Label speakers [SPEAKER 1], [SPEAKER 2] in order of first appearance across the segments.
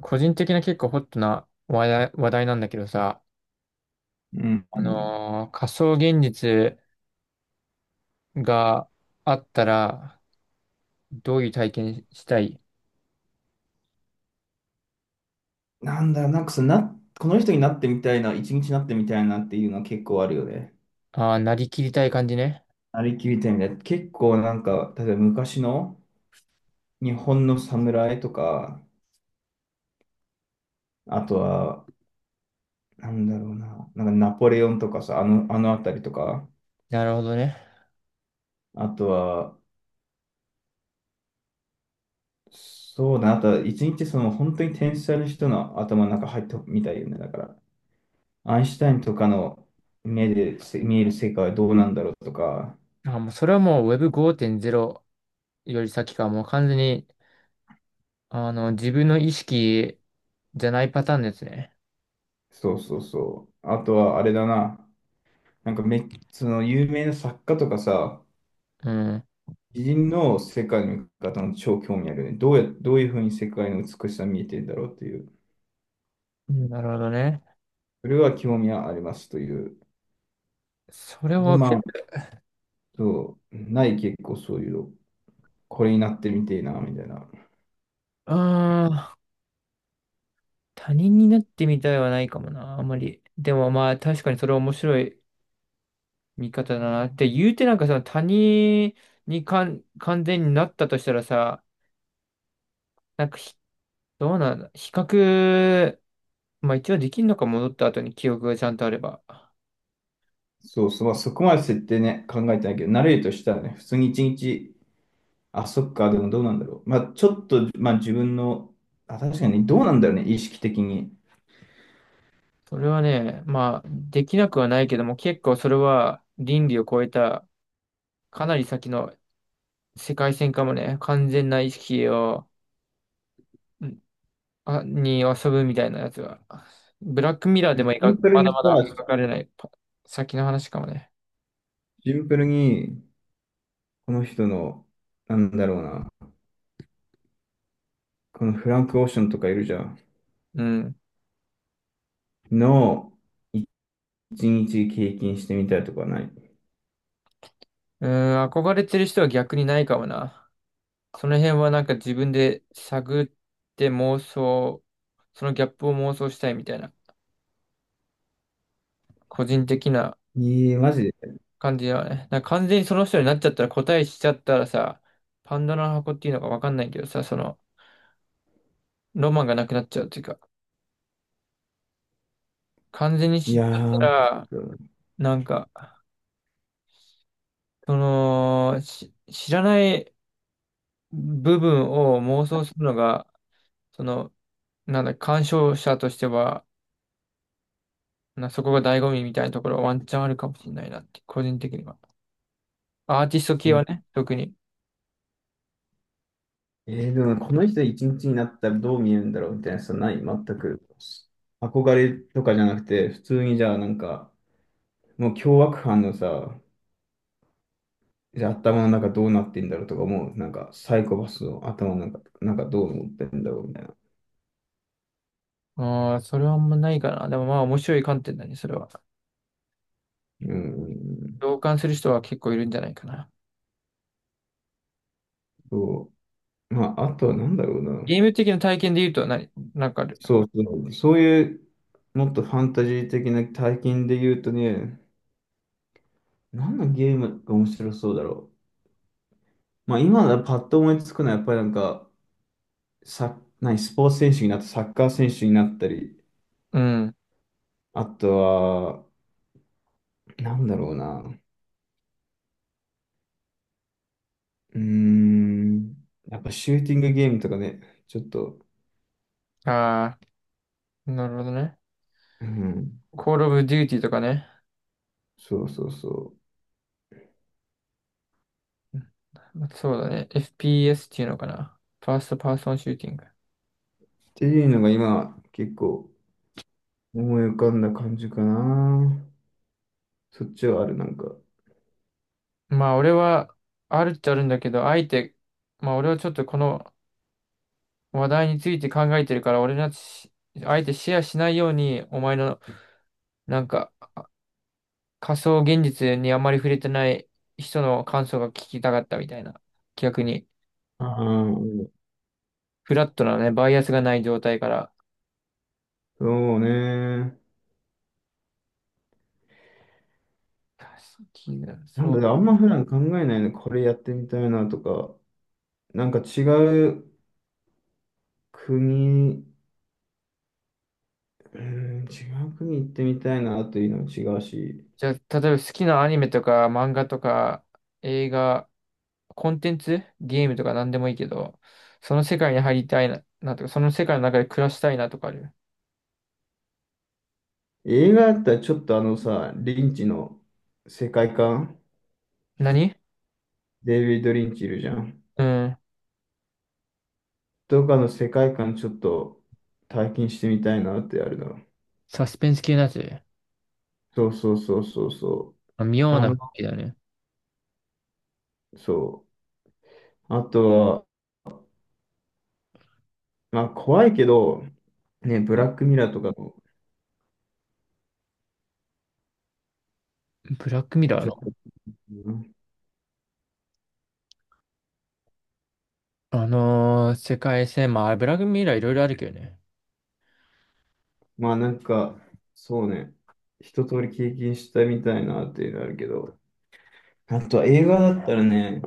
[SPEAKER 1] 個人的な結構ホットな話題なんだけどさ、
[SPEAKER 2] うんうん。
[SPEAKER 1] 仮想現実があったら、どういう体験したい？
[SPEAKER 2] なんだろう、なんかそのな、この人になってみたいな、一日になってみたいなっていうのは結構あるよね。
[SPEAKER 1] ああー、なりきりたい感じね。
[SPEAKER 2] なりきりたいみたいな。結構なんか、例えば昔の日本の侍とか、あとは、なんだろうな、なんかナポレオンとかさ、あのあたりとか、
[SPEAKER 1] なるほどね。
[SPEAKER 2] あとは、そうだな、あとは一日その本当に天才の人の頭の中入ってみたいよね。だから、アインシュタインとかの目で見える世界はどうなんだろうとか、
[SPEAKER 1] あー、もうそれはもう Web5.0 より先か、もう完全に、自分の意識じゃないパターンですね。
[SPEAKER 2] そうそうそう。あとは、あれだな。なんかめ、その有名な作家とかさ、
[SPEAKER 1] うん。
[SPEAKER 2] 偉人の世界の見方の超興味あるよね。どういうふうに世界の美しさ見えてるんだろうっていう。
[SPEAKER 1] うん、なるほどね。
[SPEAKER 2] それは興味はありますという。
[SPEAKER 1] それ
[SPEAKER 2] で、
[SPEAKER 1] は、
[SPEAKER 2] まあ、そう、ない結構そういうの、これになってみてえな、みたいな。
[SPEAKER 1] ああ、他人になってみたいはないかもな、あんまり。でもまあ確かにそれ面白い見方だな。って言うてなんかさ、他人にかん完全になったとしたらさ、なんかひ、どうなんだ。比較、まあ一応できるのか、戻った後に記憶がちゃんとあれば。
[SPEAKER 2] そうそう、まあ、そこまで設定ね、考えてないけど、慣れるとしたらね、普通に一日、あ、そっか、でもどうなんだろう。まあ、ちょっと、まあ自分の、あ、確かにどうなんだろうね、意識的に。
[SPEAKER 1] それはね、まあできなくはないけども、結構それは倫理を超えた、かなり先の世界線かもね、完全な意識を、んあ、に遊ぶみたいなやつは。ブラックミラーでも
[SPEAKER 2] シ
[SPEAKER 1] 描
[SPEAKER 2] ン
[SPEAKER 1] く、
[SPEAKER 2] プル
[SPEAKER 1] まだ
[SPEAKER 2] に
[SPEAKER 1] まだ
[SPEAKER 2] さ、
[SPEAKER 1] 描かれないパ先の話かもね。
[SPEAKER 2] シンプルにこの人の、なんだろうな、このフランク・オーシャンとかいるじゃん。
[SPEAKER 1] うん。
[SPEAKER 2] の一日経験してみたいとかない。
[SPEAKER 1] うーん、憧れてる人は逆にないかもな。その辺はなんか自分で探って妄想、そのギャップを妄想したいみたいな、個人的な
[SPEAKER 2] ええーマジで。
[SPEAKER 1] 感じだよね。なんか完全にその人になっちゃったら答えしちゃったらさ、パンドラの箱っていうのかわかんないけどさ、その、ロマンがなくなっちゃうっていうか、完全に
[SPEAKER 2] い
[SPEAKER 1] 知っち
[SPEAKER 2] や
[SPEAKER 1] ゃった
[SPEAKER 2] ー、
[SPEAKER 1] ら、なんか、その、知らない部分を妄想するのが、その、なんだ、鑑賞者としては、そこが醍醐味みたいなところはワンチャンあるかもしれないなって、個人的には。アーティスト系は
[SPEAKER 2] え
[SPEAKER 1] ね、特に。
[SPEAKER 2] でもねこの人一日になったらどう見えるんだろうみたいなさ、ない全く。憧れとかじゃなくて、普通にじゃあなんか、もう凶悪犯のさ、じゃあ頭の中どうなってんだろうとか思う。なんかサイコパスの頭の中、なんかどう思ってんだろうみたいな。
[SPEAKER 1] ああ、それはあんまないかな。でもまあ面白い観点だね、それは。
[SPEAKER 2] うん、
[SPEAKER 1] 同感する人は結構いるんじゃないかな。
[SPEAKER 2] そう。まあ、あとはなんだろうな。
[SPEAKER 1] ゲーム的な体験で言うとなんかある？
[SPEAKER 2] そういう、もっとファンタジー的な体験で言うとね、何のゲームが面白そうだろう。まあ、今だパッと思いつくのは、やっぱりなんか、スポーツ選手になった、サッカー選手になったり、
[SPEAKER 1] うん。
[SPEAKER 2] あとは、なんだろうな。うーん、やっぱシューティングゲームとかね、ちょっと、
[SPEAKER 1] ああ、なるほどね。
[SPEAKER 2] うん、
[SPEAKER 1] Call of Duty とかね。
[SPEAKER 2] そうそうそう。
[SPEAKER 1] そうだね。FPS っていうのかな。ファーストパーソンシューティング。
[SPEAKER 2] っていうのが今、結構思い浮かんだ感じかな。そっちはある、なんか。
[SPEAKER 1] まあ俺は、あるっちゃあるんだけど、あえて、まあ俺はちょっとこの話題について考えてるから、俺のし、あえてシェアしないように、お前の、なんか、仮想現実にあんまり触れてない人の感想が聞きたかったみたいな。逆に、
[SPEAKER 2] ああ、
[SPEAKER 1] フラットなね、バイアスがない状態から。
[SPEAKER 2] そうね。
[SPEAKER 1] 好きなそう。
[SPEAKER 2] あんま普段考えないね。これやってみたいなとか、なんか違う国、う違う国行ってみたいなというのも違うし、
[SPEAKER 1] じゃあ、例えば好きなアニメとか漫画とか映画、コンテンツ、ゲームとか何でもいいけど、その世界に入りたいなとか、その世界の中で暮らしたいなとかある？
[SPEAKER 2] 映画だったらちょっとあのさ、リンチの世界観、
[SPEAKER 1] 何
[SPEAKER 2] デイビッド・リンチいるじゃん。
[SPEAKER 1] うん。
[SPEAKER 2] とかの世界観ちょっと体験してみたいなってあるな。
[SPEAKER 1] サスペンス系のやつ。
[SPEAKER 2] そうそうそうそうそう。
[SPEAKER 1] あ、妙
[SPEAKER 2] あ
[SPEAKER 1] な
[SPEAKER 2] の、
[SPEAKER 1] 好きだね。
[SPEAKER 2] そう。あとまあ怖いけど、ね、ブラックミラーとかも、
[SPEAKER 1] ブラックミラー
[SPEAKER 2] ちょっ
[SPEAKER 1] の、
[SPEAKER 2] と、うん
[SPEAKER 1] あのー世界線、まあ、ブラックミラーいろいろあるけどね。
[SPEAKER 2] まあなんか、そうね、一通り経験したみたいなっていうのあるけど、あとは映画だったらね、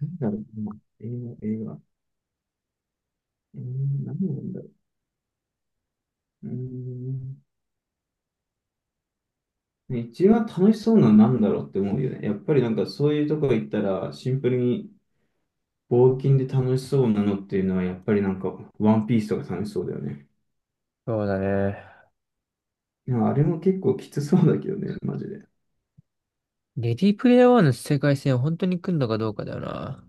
[SPEAKER 2] なんだろうな、映画、映画、えー、何なんだろう。うーん、ね一番楽しそうなのは何だろうって思うよね。やっぱりなんかそういうとこ行ったら、シンプルに冒険で楽しそうなのっていうのは、やっぱりなんか、ワンピースとか楽しそうだよね。
[SPEAKER 1] そうだね。
[SPEAKER 2] でもあれも結構きつそうだけどね、マジで。
[SPEAKER 1] レディープレイヤー1の世界線を本当に来んのかどうかだよな。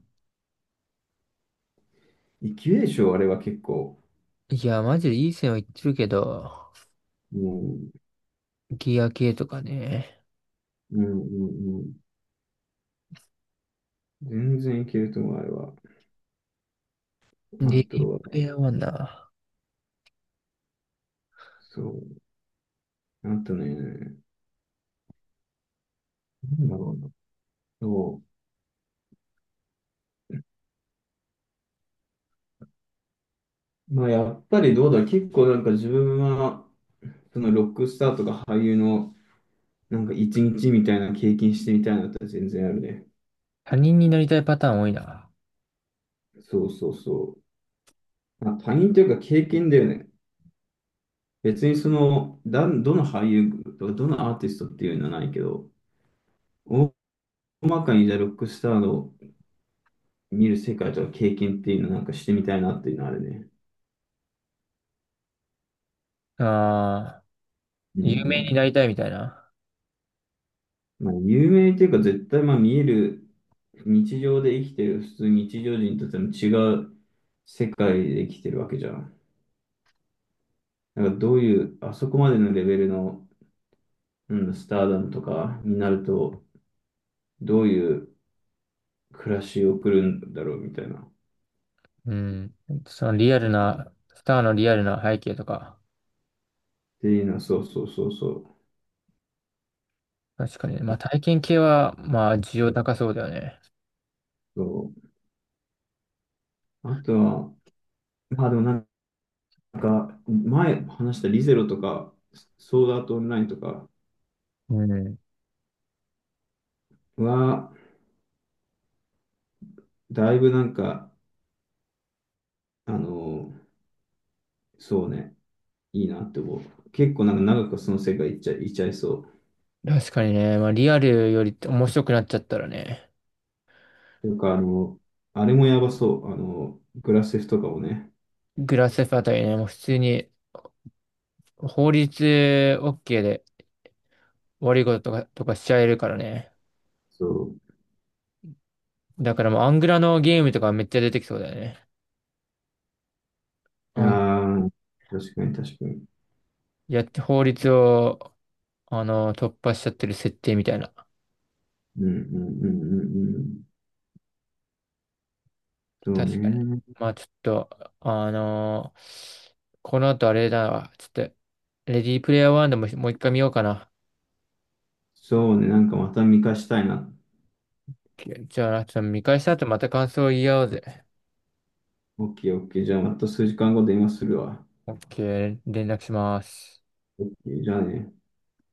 [SPEAKER 2] いけるでしょ、あれは結構。
[SPEAKER 1] いや、マジでいい線は言ってるけど、
[SPEAKER 2] うん、
[SPEAKER 1] ギア系とかね。
[SPEAKER 2] うん、うんうん。全然いけると思う、あれは。
[SPEAKER 1] レ
[SPEAKER 2] あ
[SPEAKER 1] デ
[SPEAKER 2] と
[SPEAKER 1] ィープレ
[SPEAKER 2] は、
[SPEAKER 1] イヤー1だ。
[SPEAKER 2] そう、あとね、なんだろうな。そう。まあ、やっぱりどうだろう、結構なんか自分は、そのロックスターとか俳優の、なんか一日みたいな経験してみたいなのって全然あるね。
[SPEAKER 1] 他人になりたいパターン多いな。
[SPEAKER 2] そうそうそう。まあ、他人というか経験だよね。別にその、だ、どの俳優とか、どのアーティストっていうのはないけど、大まかにじゃあロックスターの見る世界とか経験っていうのなんかしてみたいなっていうのはあるね。
[SPEAKER 1] ああ、
[SPEAKER 2] うんう
[SPEAKER 1] 有名
[SPEAKER 2] ん。
[SPEAKER 1] になりたいみたいな。
[SPEAKER 2] まあ、有名っていうか絶対まあ見える、日常で生きてる普通日常人とでも違う世界で生きてるわけじゃん。だからどういう、あそこまでのレベルの、うん、スターダムとかになると、どういう暮らしを送るんだろうみたいな。っ
[SPEAKER 1] うん。そのリアルな、スターのリアルな背景とか。
[SPEAKER 2] ていうのは、そうそうそうそう。
[SPEAKER 1] 確かにね。まあ体験系は、まあ需要高そうだよね。
[SPEAKER 2] そう。あとは、まあでもなんか、前話したリゼロとか、ソードアートオンラインとか
[SPEAKER 1] うん。
[SPEAKER 2] は、だいぶなんか、あのー、そうね、いいなって思う。結構なんか長くその世界いちゃいそう。
[SPEAKER 1] 確かにね、まあリアルより面白くなっちゃったらね、
[SPEAKER 2] というか、あのー、あれもやばそう。あのー、グラセフとかもね。
[SPEAKER 1] グラスフあたりね、もう普通に法律 OK で悪いこととかしちゃえるからね。
[SPEAKER 2] そ
[SPEAKER 1] だからもうアングラのゲームとかめっちゃ出てきそうだよね。
[SPEAKER 2] う。
[SPEAKER 1] アン
[SPEAKER 2] ああ、確かに確かに。
[SPEAKER 1] やって法律を、あの、突破しちゃってる設定みたいな。
[SPEAKER 2] うんうんうんうんうん。そう
[SPEAKER 1] 確かに。
[SPEAKER 2] ね。
[SPEAKER 1] まあちょっと、あのこの後あれだわ。ちょっと、レディープレイヤー1でももう一回見ようかな。
[SPEAKER 2] そうね、なんかまた見返したいな。
[SPEAKER 1] じゃあ、ちょっと見返した後また感想を言い合おうぜ。
[SPEAKER 2] オッケーオッケー。じゃあまた数時間後電話するわ。
[SPEAKER 1] OK、連絡します。
[SPEAKER 2] オッケー、じゃあね。